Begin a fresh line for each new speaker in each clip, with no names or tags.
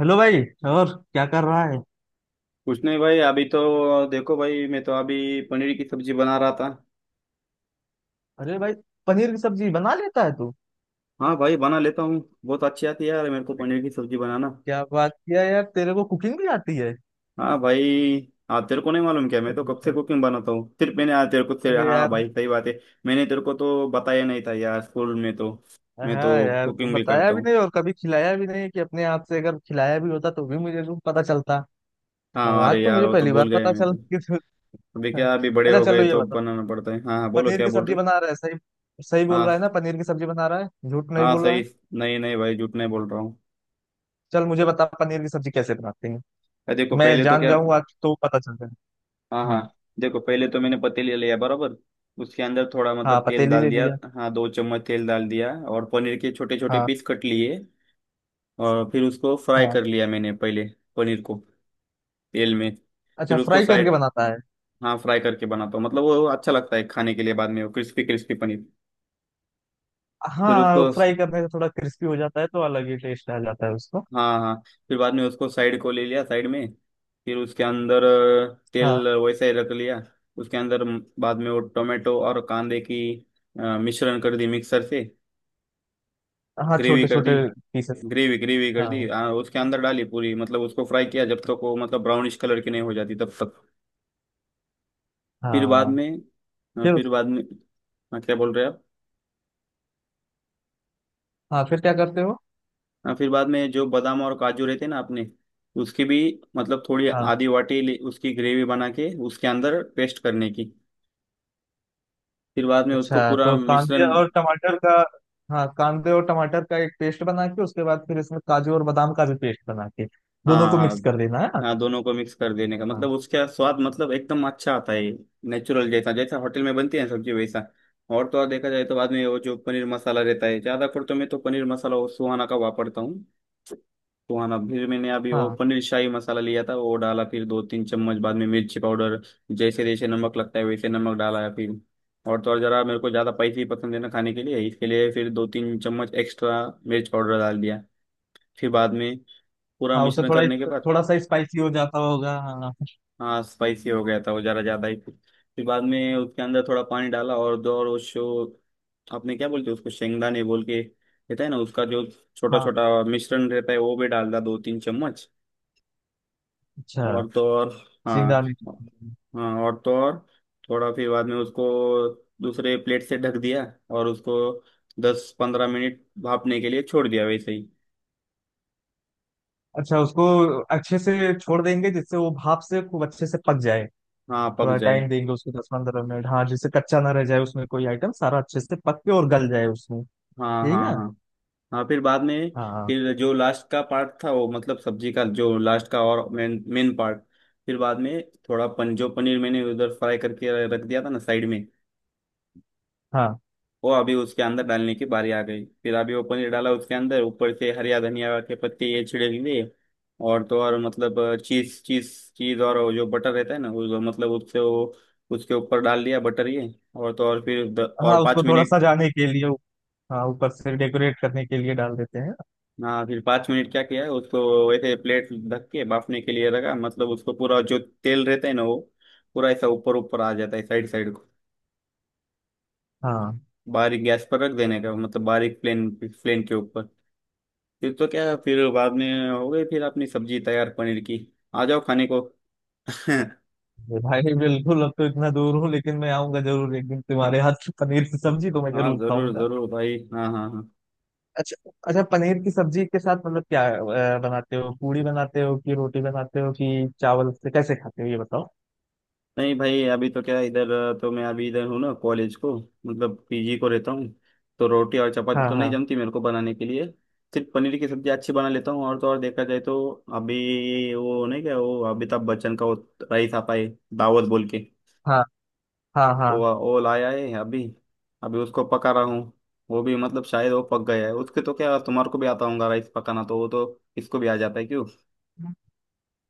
Hello भाई। और क्या कर रहा है?
कुछ नहीं भाई, अभी तो देखो भाई, मैं तो अभी पनीर की सब्जी बना रहा था।
अरे भाई, पनीर की सब्जी बना लेता है तू?
हाँ भाई, बना लेता हूँ। बहुत अच्छी आती है यार मेरे को पनीर की सब्जी बनाना।
क्या बात किया यार, तेरे को कुकिंग भी आती है?
हाँ भाई, हाँ तेरे को नहीं मालूम क्या, मैं तो
अरे
कब से
यार।
कुकिंग बनाता हूँ सिर्फ मैंने, हाँ तेरे को तेरे,
अरे
हाँ
यार,
भाई सही बात है। मैंने तेरे को तो बताया नहीं था यार स्कूल में तो, मैं
हाँ
तो
यार, तू
कुकिंग भी
बताया
करता
भी
हूँ।
नहीं और कभी खिलाया भी नहीं कि अपने हाथ से, अगर खिलाया भी होता तो भी मुझे तो पता चलता। और
हाँ,
आज
अरे
तो
यार
मुझे
वो तो
पहली बार
भूल गए
पता
मैं
चल
तो। अभी क्या, अभी बड़े
अच्छा
हो
चलो
गए
ये
तो
बता,
बनाना पड़ता है। हाँ हाँ, बोलो
पनीर
क्या
की
बोल
सब्जी
रहे।
बना रहा है? सही। सही बोल
हाँ
रहा है ना, पनीर की सब्जी बना रहा है, झूठ नहीं
हाँ
बोल रहा
सही।
है?
नहीं नहीं भाई, झूठ नहीं बोल रहा हूँ।
चल मुझे बता, पनीर की सब्जी कैसे बनाते हैं।
अरे देखो,
मैं
पहले तो
जान
क्या।
जाऊंगा, आज तो पता चल जाएगा।
हाँ हाँ।
हम्म।
देखो पहले तो मैंने पतीली लिया बराबर, उसके अंदर थोड़ा
हाँ,
मतलब तेल
पतीली
डाल
ले
दिया।
लिया।
हाँ, दो चम्मच तेल डाल दिया, और पनीर के छोटे छोटे
हाँ।
पीस कट लिए, और फिर उसको फ्राई
हाँ।
कर लिया मैंने पहले, पनीर को, तेल में।
अच्छा,
फिर उसको
फ्राई करके
साइड,
बनाता है?
हाँ फ्राई करके बनाता हूँ, मतलब वो अच्छा लगता है खाने के लिए बाद में, वो क्रिस्पी क्रिस्पी पनीर। फिर उसको,
हाँ, फ्राई करने से थोड़ा क्रिस्पी हो जाता है तो अलग ही टेस्ट आ जाता है उसको।
हाँ हाँ, फिर बाद में उसको साइड को ले लिया साइड में। फिर उसके अंदर
हाँ।
तेल वैसा ही रख लिया। उसके अंदर बाद में वो टोमेटो और कांदे की मिश्रण कर दी मिक्सर से,
हाँ,
ग्रेवी
छोटे
कर दी
छोटे पीसेस।
ग्रेवी ग्रेवी कर दी
हाँ।
उसके अंदर डाली पूरी। मतलब उसको फ्राई किया जब तक वो मतलब ब्राउनिश कलर की नहीं हो जाती तब तक। फिर बाद
हाँ,
में,
फिर?
फिर बाद में। हाँ, क्या बोल रहे हैं आप।
हाँ, फिर क्या करते हो?
हाँ, फिर बाद में जो बादाम और काजू रहते हैं ना अपने, उसकी भी मतलब थोड़ी
हाँ।
आधी वाटी उसकी ग्रेवी बना के उसके अंदर पेस्ट करने की। फिर बाद में उसको
अच्छा,
पूरा
तो कांदे
मिश्रण।
और टमाटर का। हाँ, कांदे और टमाटर का एक पेस्ट बना के, उसके बाद फिर इसमें काजू और बादाम का भी पेस्ट बना के
हाँ
दोनों को
हाँ।
मिक्स कर देना है ना?
हाँ, दोनों को मिक्स कर देने का,
हाँ
मतलब उसका स्वाद मतलब एकदम अच्छा आता है। नेचुरल जैसा, जैसा होटल में बनती है सब्जी वैसा। और तो और देखा जाए तो बाद में वो जो पनीर मसाला रहता है ज्यादा कर, तो मैं तो पनीर मसाला वो सुहाना का वापरता हूँ। सुहाना, फिर मैंने अभी वो
हाँ।
पनीर शाही मसाला लिया था, वो डाला। फिर दो तीन चम्मच बाद में मिर्ची पाउडर, जैसे जैसे नमक लगता है वैसे नमक डाला है फिर। और तो और, जरा मेरे को ज्यादा स्पाइसी पसंद है ना खाने के लिए, इसके लिए फिर दो तीन चम्मच एक्स्ट्रा मिर्च पाउडर डाल दिया। फिर बाद में, पूरा
हाँ, उससे
मिश्रण
थोड़ा,
करने के बाद,
थोड़ा सा स्पाइसी हो जाता होगा, हाँ।
हाँ स्पाइसी हो गया था वो ज़रा ज़्यादा ही। फिर बाद में उसके अंदर थोड़ा पानी डाला, और दो, और उसको, आपने क्या बोलते हैं उसको, शेंगदाने बोल के रहता है ना उसका जो छोटा
हाँ।
छोटा मिश्रण रहता है, वो भी डाल दिया दो तीन चम्मच।
अच्छा,
और तो और, हाँ
सिंगदाने।
हाँ, और तो और थोड़ा, फिर बाद में उसको दूसरे प्लेट से ढक दिया, और उसको 10 पंद्रह मिनट भापने के लिए छोड़ दिया वैसे ही।
अच्छा, उसको अच्छे से छोड़ देंगे जिससे वो भाप से खूब अच्छे से पक जाए।
हाँ पक
थोड़ा
जाए।
टाइम देंगे उसको, 10-15 मिनट, हाँ, जिससे कच्चा ना रह जाए, उसमें कोई आइटम सारा अच्छे से पक के और गल जाए उसमें।
हाँ
यही
हाँ
ना?
हाँ हाँ। फिर बाद में,
हाँ हाँ।
फिर जो लास्ट का पार्ट था वो, मतलब सब्जी का जो लास्ट का और मेन मेन पार्ट, फिर बाद में, थोड़ा पन जो पनीर मैंने उधर फ्राई करके रख दिया था ना साइड में,
हाँ
वो अभी उसके अंदर डालने की बारी आ गई। फिर अभी वो पनीर डाला उसके अंदर, ऊपर से हरिया धनिया के पत्ते ये छिड़क दिए। और तो और मतलब चीज चीज चीज, और वो जो बटर रहता है ना वो, मतलब उससे वो उसके ऊपर डाल दिया बटर ये। और तो और, फिर
हाँ,
और
उसको
पाँच
थोड़ा
मिनट
सजाने के लिए, हाँ, ऊपर से डेकोरेट करने के लिए डाल देते हैं।
हाँ फिर 5 मिनट क्या किया है, उसको वैसे प्लेट ढक के बाफने के लिए रखा। मतलब उसको पूरा जो तेल रहता है ना वो पूरा ऐसा ऊपर ऊपर आ जाता है साइड साइड को।
हाँ
बारीक गैस पर रख देने का, मतलब बारीक प्लेन प्लेन के ऊपर। फिर तो क्या, फिर बाद में हो गई फिर अपनी सब्जी तैयार पनीर की। आ जाओ खाने को।
ये भाई, बिल्कुल। अब तो इतना दूर हूँ लेकिन मैं आऊंगा जरूर, एक दिन तुम्हारे हाथ की पनीर की सब्जी तो मैं
हाँ
जरूर
जरूर
खाऊंगा।
जरूर भाई, हाँ हाँ हाँ।
अच्छा अच्छा, पनीर की सब्जी के साथ मतलब क्या बनाते हो, पूड़ी बनाते हो कि रोटी बनाते हो कि चावल से, कैसे खाते हो ये बताओ।
नहीं भाई, अभी तो क्या इधर, तो मैं अभी इधर हूँ ना कॉलेज को, मतलब पीजी को रहता हूँ। तो रोटी और चपाती
हाँ
तो नहीं
हाँ
जमती मेरे को बनाने के लिए, सिर्फ पनीर की सब्जी अच्छी बना लेता हूँ। और तो और देखा जाए तो, अभी वो नहीं क्या, वो अमिताभ बच्चन का वो राइस आता है दावत बोल के,
हाँ। हाँ हाँ
वो लाया है अभी, अभी उसको पका रहा हूँ। वो भी मतलब शायद वो पक गया है उसके। तो क्या तुम्हारे को भी आता होगा राइस पकाना, तो वो तो इसको भी आ जाता है क्यों।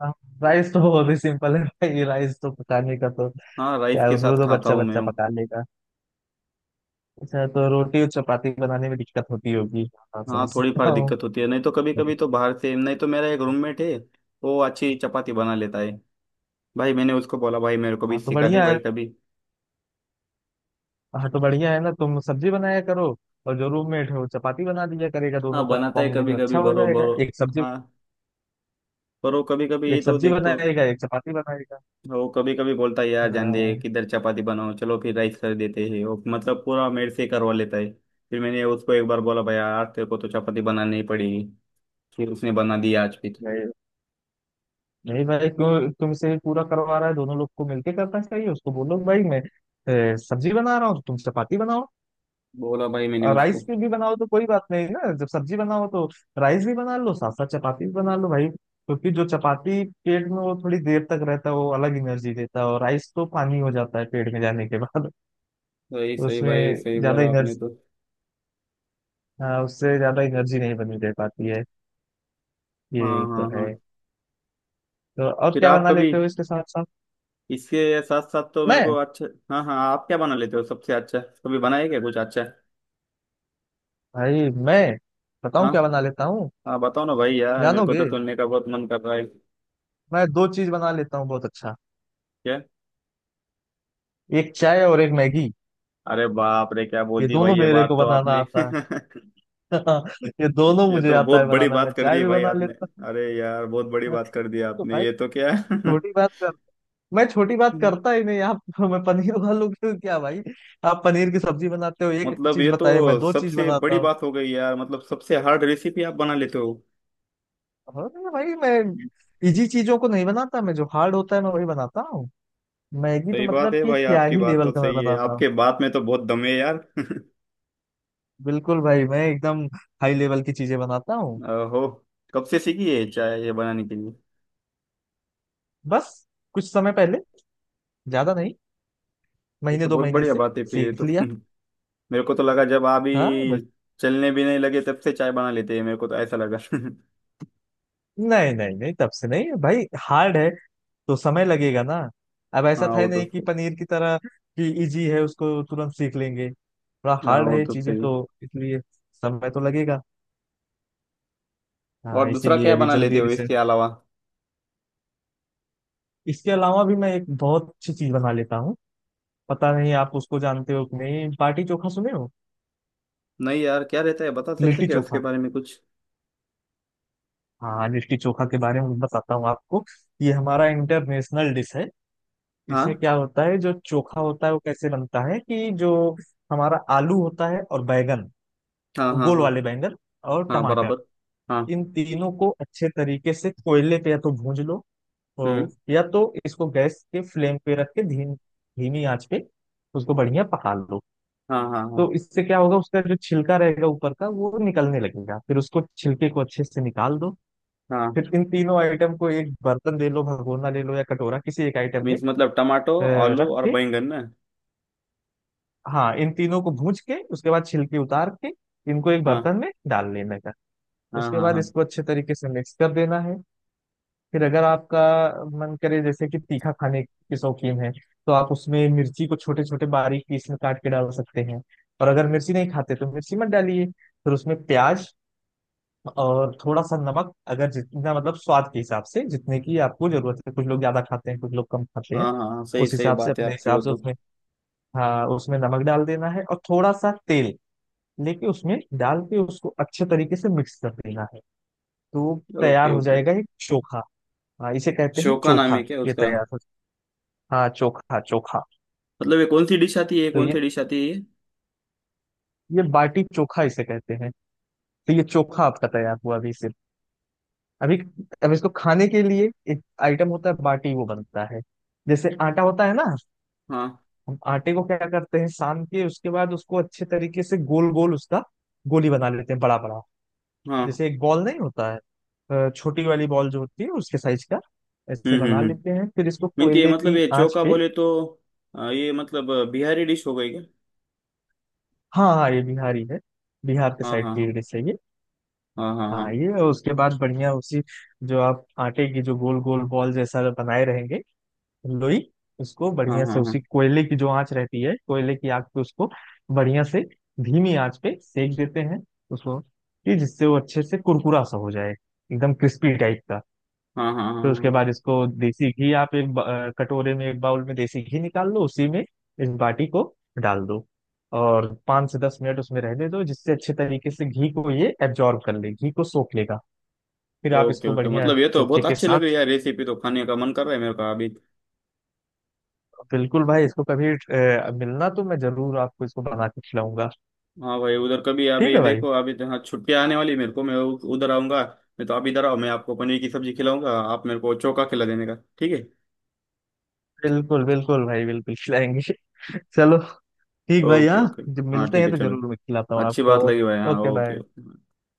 हाँ। राइस तो बहुत ही सिंपल है भाई, राइस तो पकाने का तो
हाँ राइस
क्या है,
के
उसमें
साथ
तो
खाता
बच्चा
हूँ मैं
बच्चा
वो।
पका लेगा। अच्छा, तो रोटी और चपाती बनाने में दिक्कत होती होगी, हाँ
हाँ,
समझ
थोड़ी फार
सकता हूँ।
दिक्कत होती है, नहीं तो कभी
बढ़िया।
कभी तो बाहर से, नहीं तो मेरा एक रूममेट है वो अच्छी चपाती बना लेता है। भाई मैंने उसको बोला, भाई मेरे को भी
हाँ तो
सिखा दे
बढ़िया है।
भाई कभी।
हाँ तो बढ़िया है ना, तुम सब्जी बनाया करो और जो रूममेट है वो चपाती बना दिया करेगा,
हाँ
दोनों का
बनाता है कभी
कॉम्बिनेशन
कभी
अच्छा हो
बरोबर
जाएगा। एक सब्जी,
हाँ। पर वो कभी कभी ये
एक
तो
सब्जी
देख तो,
बनाएगा एक चपाती बनाएगा।
वो कभी कभी बोलता है यार जान दे
हाँ।
किधर चपाती बनाओ, चलो फिर राइस कर देते हैं। वो मतलब पूरा मेरे से करवा लेता है। फिर मैंने उसको एक बार बोला, भाई आज तेरे को तो चपाती बनानी ही पड़ेगी। फिर उसने बना दी आज। फिर
नहीं भाई, क्यों तुमसे ही पूरा करवा रहा है, दोनों लोग को मिलके करना चाहिए। उसको बोलो, भाई मैं सब्जी बना रहा हूँ तो तुम चपाती बनाओ
बोला भाई मैंने
और
उसको।
राइस भी बनाओ तो कोई बात नहीं ना। जब सब्जी बनाओ तो राइस भी बना लो, साथ साथ चपाती भी बना लो भाई, क्योंकि जो चपाती पेट में वो थोड़ी देर तक रहता है, वो अलग एनर्जी देता है और राइस तो पानी हो जाता है पेट में जाने के बाद।
सही सही भाई,
उसमें
सही
ज्यादा
बोला आपने
एनर्जी,
तो।
हाँ उससे ज्यादा एनर्जी नहीं बनी दे पाती है।
हाँ
ये तो
हाँ
है।
हाँ।
तो और
फिर
क्या
आप
बना
कभी,
लेते हो इसके साथ साथ?
इसके साथ साथ तो मेरे को
मैं,
अच्छा, हाँ हाँ आप क्या बना लेते हो सबसे अच्छा, कभी बनाए क्या कुछ अच्छा।
भाई मैं बताऊं
हाँ
क्या बना लेता,
हाँ बताओ ना भाई यार, मेरे को
जानोगे?
तो सुनने का बहुत मन कर रहा है।
मैं दो चीज बना लेता हूँ बहुत अच्छा,
क्या।
एक चाय और एक मैगी।
अरे बाप रे, क्या बोल
ये
दी
दोनों
भाई ये
मेरे
बात
को
तो
बनाना
आपने।
आता है। ये दोनों
ये
मुझे
तो
आता
बहुत
है
बड़ी
बनाना,
बात
मैं
कर
चाय
दी
भी
भाई
बना
आपने।
लेता
अरे यार बहुत बड़ी
हूँ
बात कर दी
तो
आपने,
भाई।
ये तो क्या।
छोटी बात कर? मैं छोटी बात करता ही नहीं आप। मैं पनीर वालों क्या भाई, आप पनीर की सब्जी बनाते हो एक
मतलब
चीज
ये
बताइए, मैं
तो
दो चीज
सबसे
बनाता
बड़ी
हूँ।
बात हो गई यार, मतलब सबसे हार्ड रेसिपी आप बना लेते हो।
अरे भाई, मैं इजी चीजों को नहीं बनाता, मैं जो हार्ड होता है मैं वही बनाता हूँ। मैगी तो
सही बात
मतलब
है
कि
भाई,
क्या
आपकी
ही
बात
लेवल
तो
का मैं
सही है,
बनाता हूँ।
आपके बात में तो बहुत दम है यार।
बिल्कुल भाई, मैं एकदम हाई लेवल की चीजें बनाता हूँ।
हो। कब से सीखी है चाय ये बनाने के लिए।
बस कुछ समय पहले, ज्यादा नहीं,
ये
महीने
तो
दो
बहुत
महीने
बढ़िया
से
बात है फिर ये
सीख
तो।
लिया।
मेरे को तो लगा जब आप
हाँ,
ही
बट
चलने भी नहीं लगे तब से चाय बना लेते हैं, मेरे को तो ऐसा लगा।
नहीं नहीं नहीं, तब से नहीं भाई, हार्ड है तो समय लगेगा ना। अब ऐसा
हाँ
था ही
वो तो
नहीं कि
सही।
पनीर की तरह कि इजी है उसको तुरंत सीख लेंगे, थोड़ा
हाँ
हार्ड है
वो
ये
तो
चीजें
सही।
तो, इसलिए समय तो लगेगा। हाँ
और दूसरा
इसीलिए
क्या
अभी
बना लेते
जल्दी
हो
रिसेंट।
इसके अलावा।
इसके अलावा भी मैं एक बहुत अच्छी चीज बना लेता हूँ। पता नहीं आप उसको जानते हो कि नहीं, बाटी चोखा सुने हो?
नहीं यार, क्या रहता है बता सकते
लिट्टी
क्या उसके
चोखा।
बारे में कुछ।
हाँ, लिट्टी चोखा के बारे में बताता हूँ आपको। ये हमारा इंटरनेशनल डिश है। इसमें
हाँ
क्या होता है, जो चोखा होता है वो कैसे बनता है कि जो हमारा आलू होता है और बैगन,
हाँ हाँ
गोल
हाँ
वाले बैंगन, और
हाँ
टमाटर,
बराबर हाँ
इन तीनों को अच्छे तरीके से कोयले पे या तो भूंज लो,
हम्म
या तो इसको गैस के फ्लेम पे रख के धीमी आंच पे उसको बढ़िया पका लो।
हाँ हाँ हाँ
तो इससे क्या होगा, उसका जो छिलका रहेगा ऊपर का वो निकलने लगेगा, फिर उसको छिलके को अच्छे से निकाल दो।
हाँ।
फिर इन तीनों आइटम को एक बर्तन ले लो, भगोना ले लो या कटोरा, किसी एक आइटम में
मीन्स
अ,
मतलब टमाटो आलू
रख
और
के,
बैंगन ना।
हाँ इन तीनों को भूज के उसके बाद छिलके उतार के इनको एक
हाँ
बर्तन में डाल लेने का।
हाँ
उसके
हाँ
बाद
हाँ
इसको अच्छे तरीके से मिक्स कर देना है। फिर अगर आपका मन करे, जैसे कि तीखा खाने के शौकीन है तो आप उसमें मिर्ची को छोटे छोटे बारीक पीस में काट के डाल सकते हैं, और अगर मिर्ची नहीं खाते तो मिर्ची मत डालिए। फिर उसमें प्याज और थोड़ा सा नमक, अगर जितना मतलब स्वाद के हिसाब से, जितने की आपको जरूरत है, कुछ लोग ज्यादा खाते हैं कुछ लोग कम खाते हैं,
हाँ हाँ हाँ। सही
उस
सही
हिसाब से
बात है
अपने
आपकी, वो
हिसाब से
तो।
उसमें, हाँ उसमें नमक डाल देना है और थोड़ा सा तेल लेके उसमें डाल के उसको अच्छे तरीके से मिक्स कर देना है, तो तैयार
ओके
हो
ओके।
जाएगा एक चोखा। हाँ, इसे कहते हैं
शोका नाम
चोखा,
है क्या
ये
उसका।
तैयार हो। हाँ, चोखा चोखा।
मतलब ये कौन सी डिश आती है, ये
तो
कौन
ये
सी डिश आती है ये?
ये बाटी चोखा इसे कहते हैं। तो ये चोखा आपका तैयार हुआ अभी। सिर्फ अभी, अब इसको खाने के लिए एक आइटम होता है बाटी, वो बनता है जैसे आटा होता है ना,
हाँ
हम आटे को क्या करते हैं, सान के उसके बाद उसको अच्छे तरीके से गोल गोल उसका गोली बना लेते हैं, बड़ा बड़ा,
हाँ।
जैसे एक बॉल नहीं होता है, छोटी वाली बॉल जो होती है उसके साइज का, ऐसे बना
हम्म।
लेते हैं, फिर इसको
मीन ये
कोयले
मतलब
की
ये
आंच
चोका
पे।
बोले तो ये मतलब बिहारी डिश हो गई क्या।
हाँ हाँ, ये बिहारी है, बिहार के
हाँ
साइड की
हाँ।
डिश है ये।
हाँ
हाँ
हाँ।
ये, और उसके बाद बढ़िया उसी, जो आप आटे की जो गोल गोल बॉल जैसा बनाए रहेंगे, लोई, उसको
हाँ
बढ़िया
हाँ
से
हाँ हाँ।
उसी कोयले की जो आंच रहती है, कोयले की आग पे उसको बढ़िया से धीमी आंच पे सेक देते हैं उसको, कि जिससे वो अच्छे से कुरकुरा सा हो जाए, एकदम क्रिस्पी टाइप का।
हाँ हाँ हाँ हाँ
फिर उसके बाद
हाँ।
इसको देसी घी, आप एक कटोरे में, एक बाउल में देसी घी निकाल लो, उसी में इस बाटी को डाल दो और 5 से 10 मिनट उसमें रहने दो, जिससे अच्छे तरीके से घी को ये एब्जॉर्ब कर ले, घी को सोख लेगा। फिर आप
ओके
इसको
ओके,
बढ़िया
मतलब ये तो
चोखे
बहुत
के
अच्छी लग रही
साथ।
है यार रेसिपी, तो खाने का मन कर रहा है मेरे को अभी।
बिल्कुल भाई, इसको कभी मिलना तो मैं जरूर आपको इसको बना के खिलाऊंगा।
हाँ भाई, उधर कभी
ठीक
अभी
है भाई।
देखो, अभी तो हाँ छुट्टियाँ आने वाली है मेरे को, मैं उधर आऊंगा। मैं तो आप इधर आओ, मैं आपको पनीर की सब्जी खिलाऊंगा, आप मेरे को चोका खिला देने का ठीक है।
बिल्कुल बिल्कुल भाई, बिल्कुल खिलाएंगे। चलो, ठीक भाई।
ओके
हाँ,
ओके।
जब
हाँ
मिलते
ठीक
हैं
है
तो
चलो,
जरूर मैं खिलाता हूँ
अच्छी
आपको।
बात लगी भाई, हाँ
ओके
ओके
बाय।
ओके।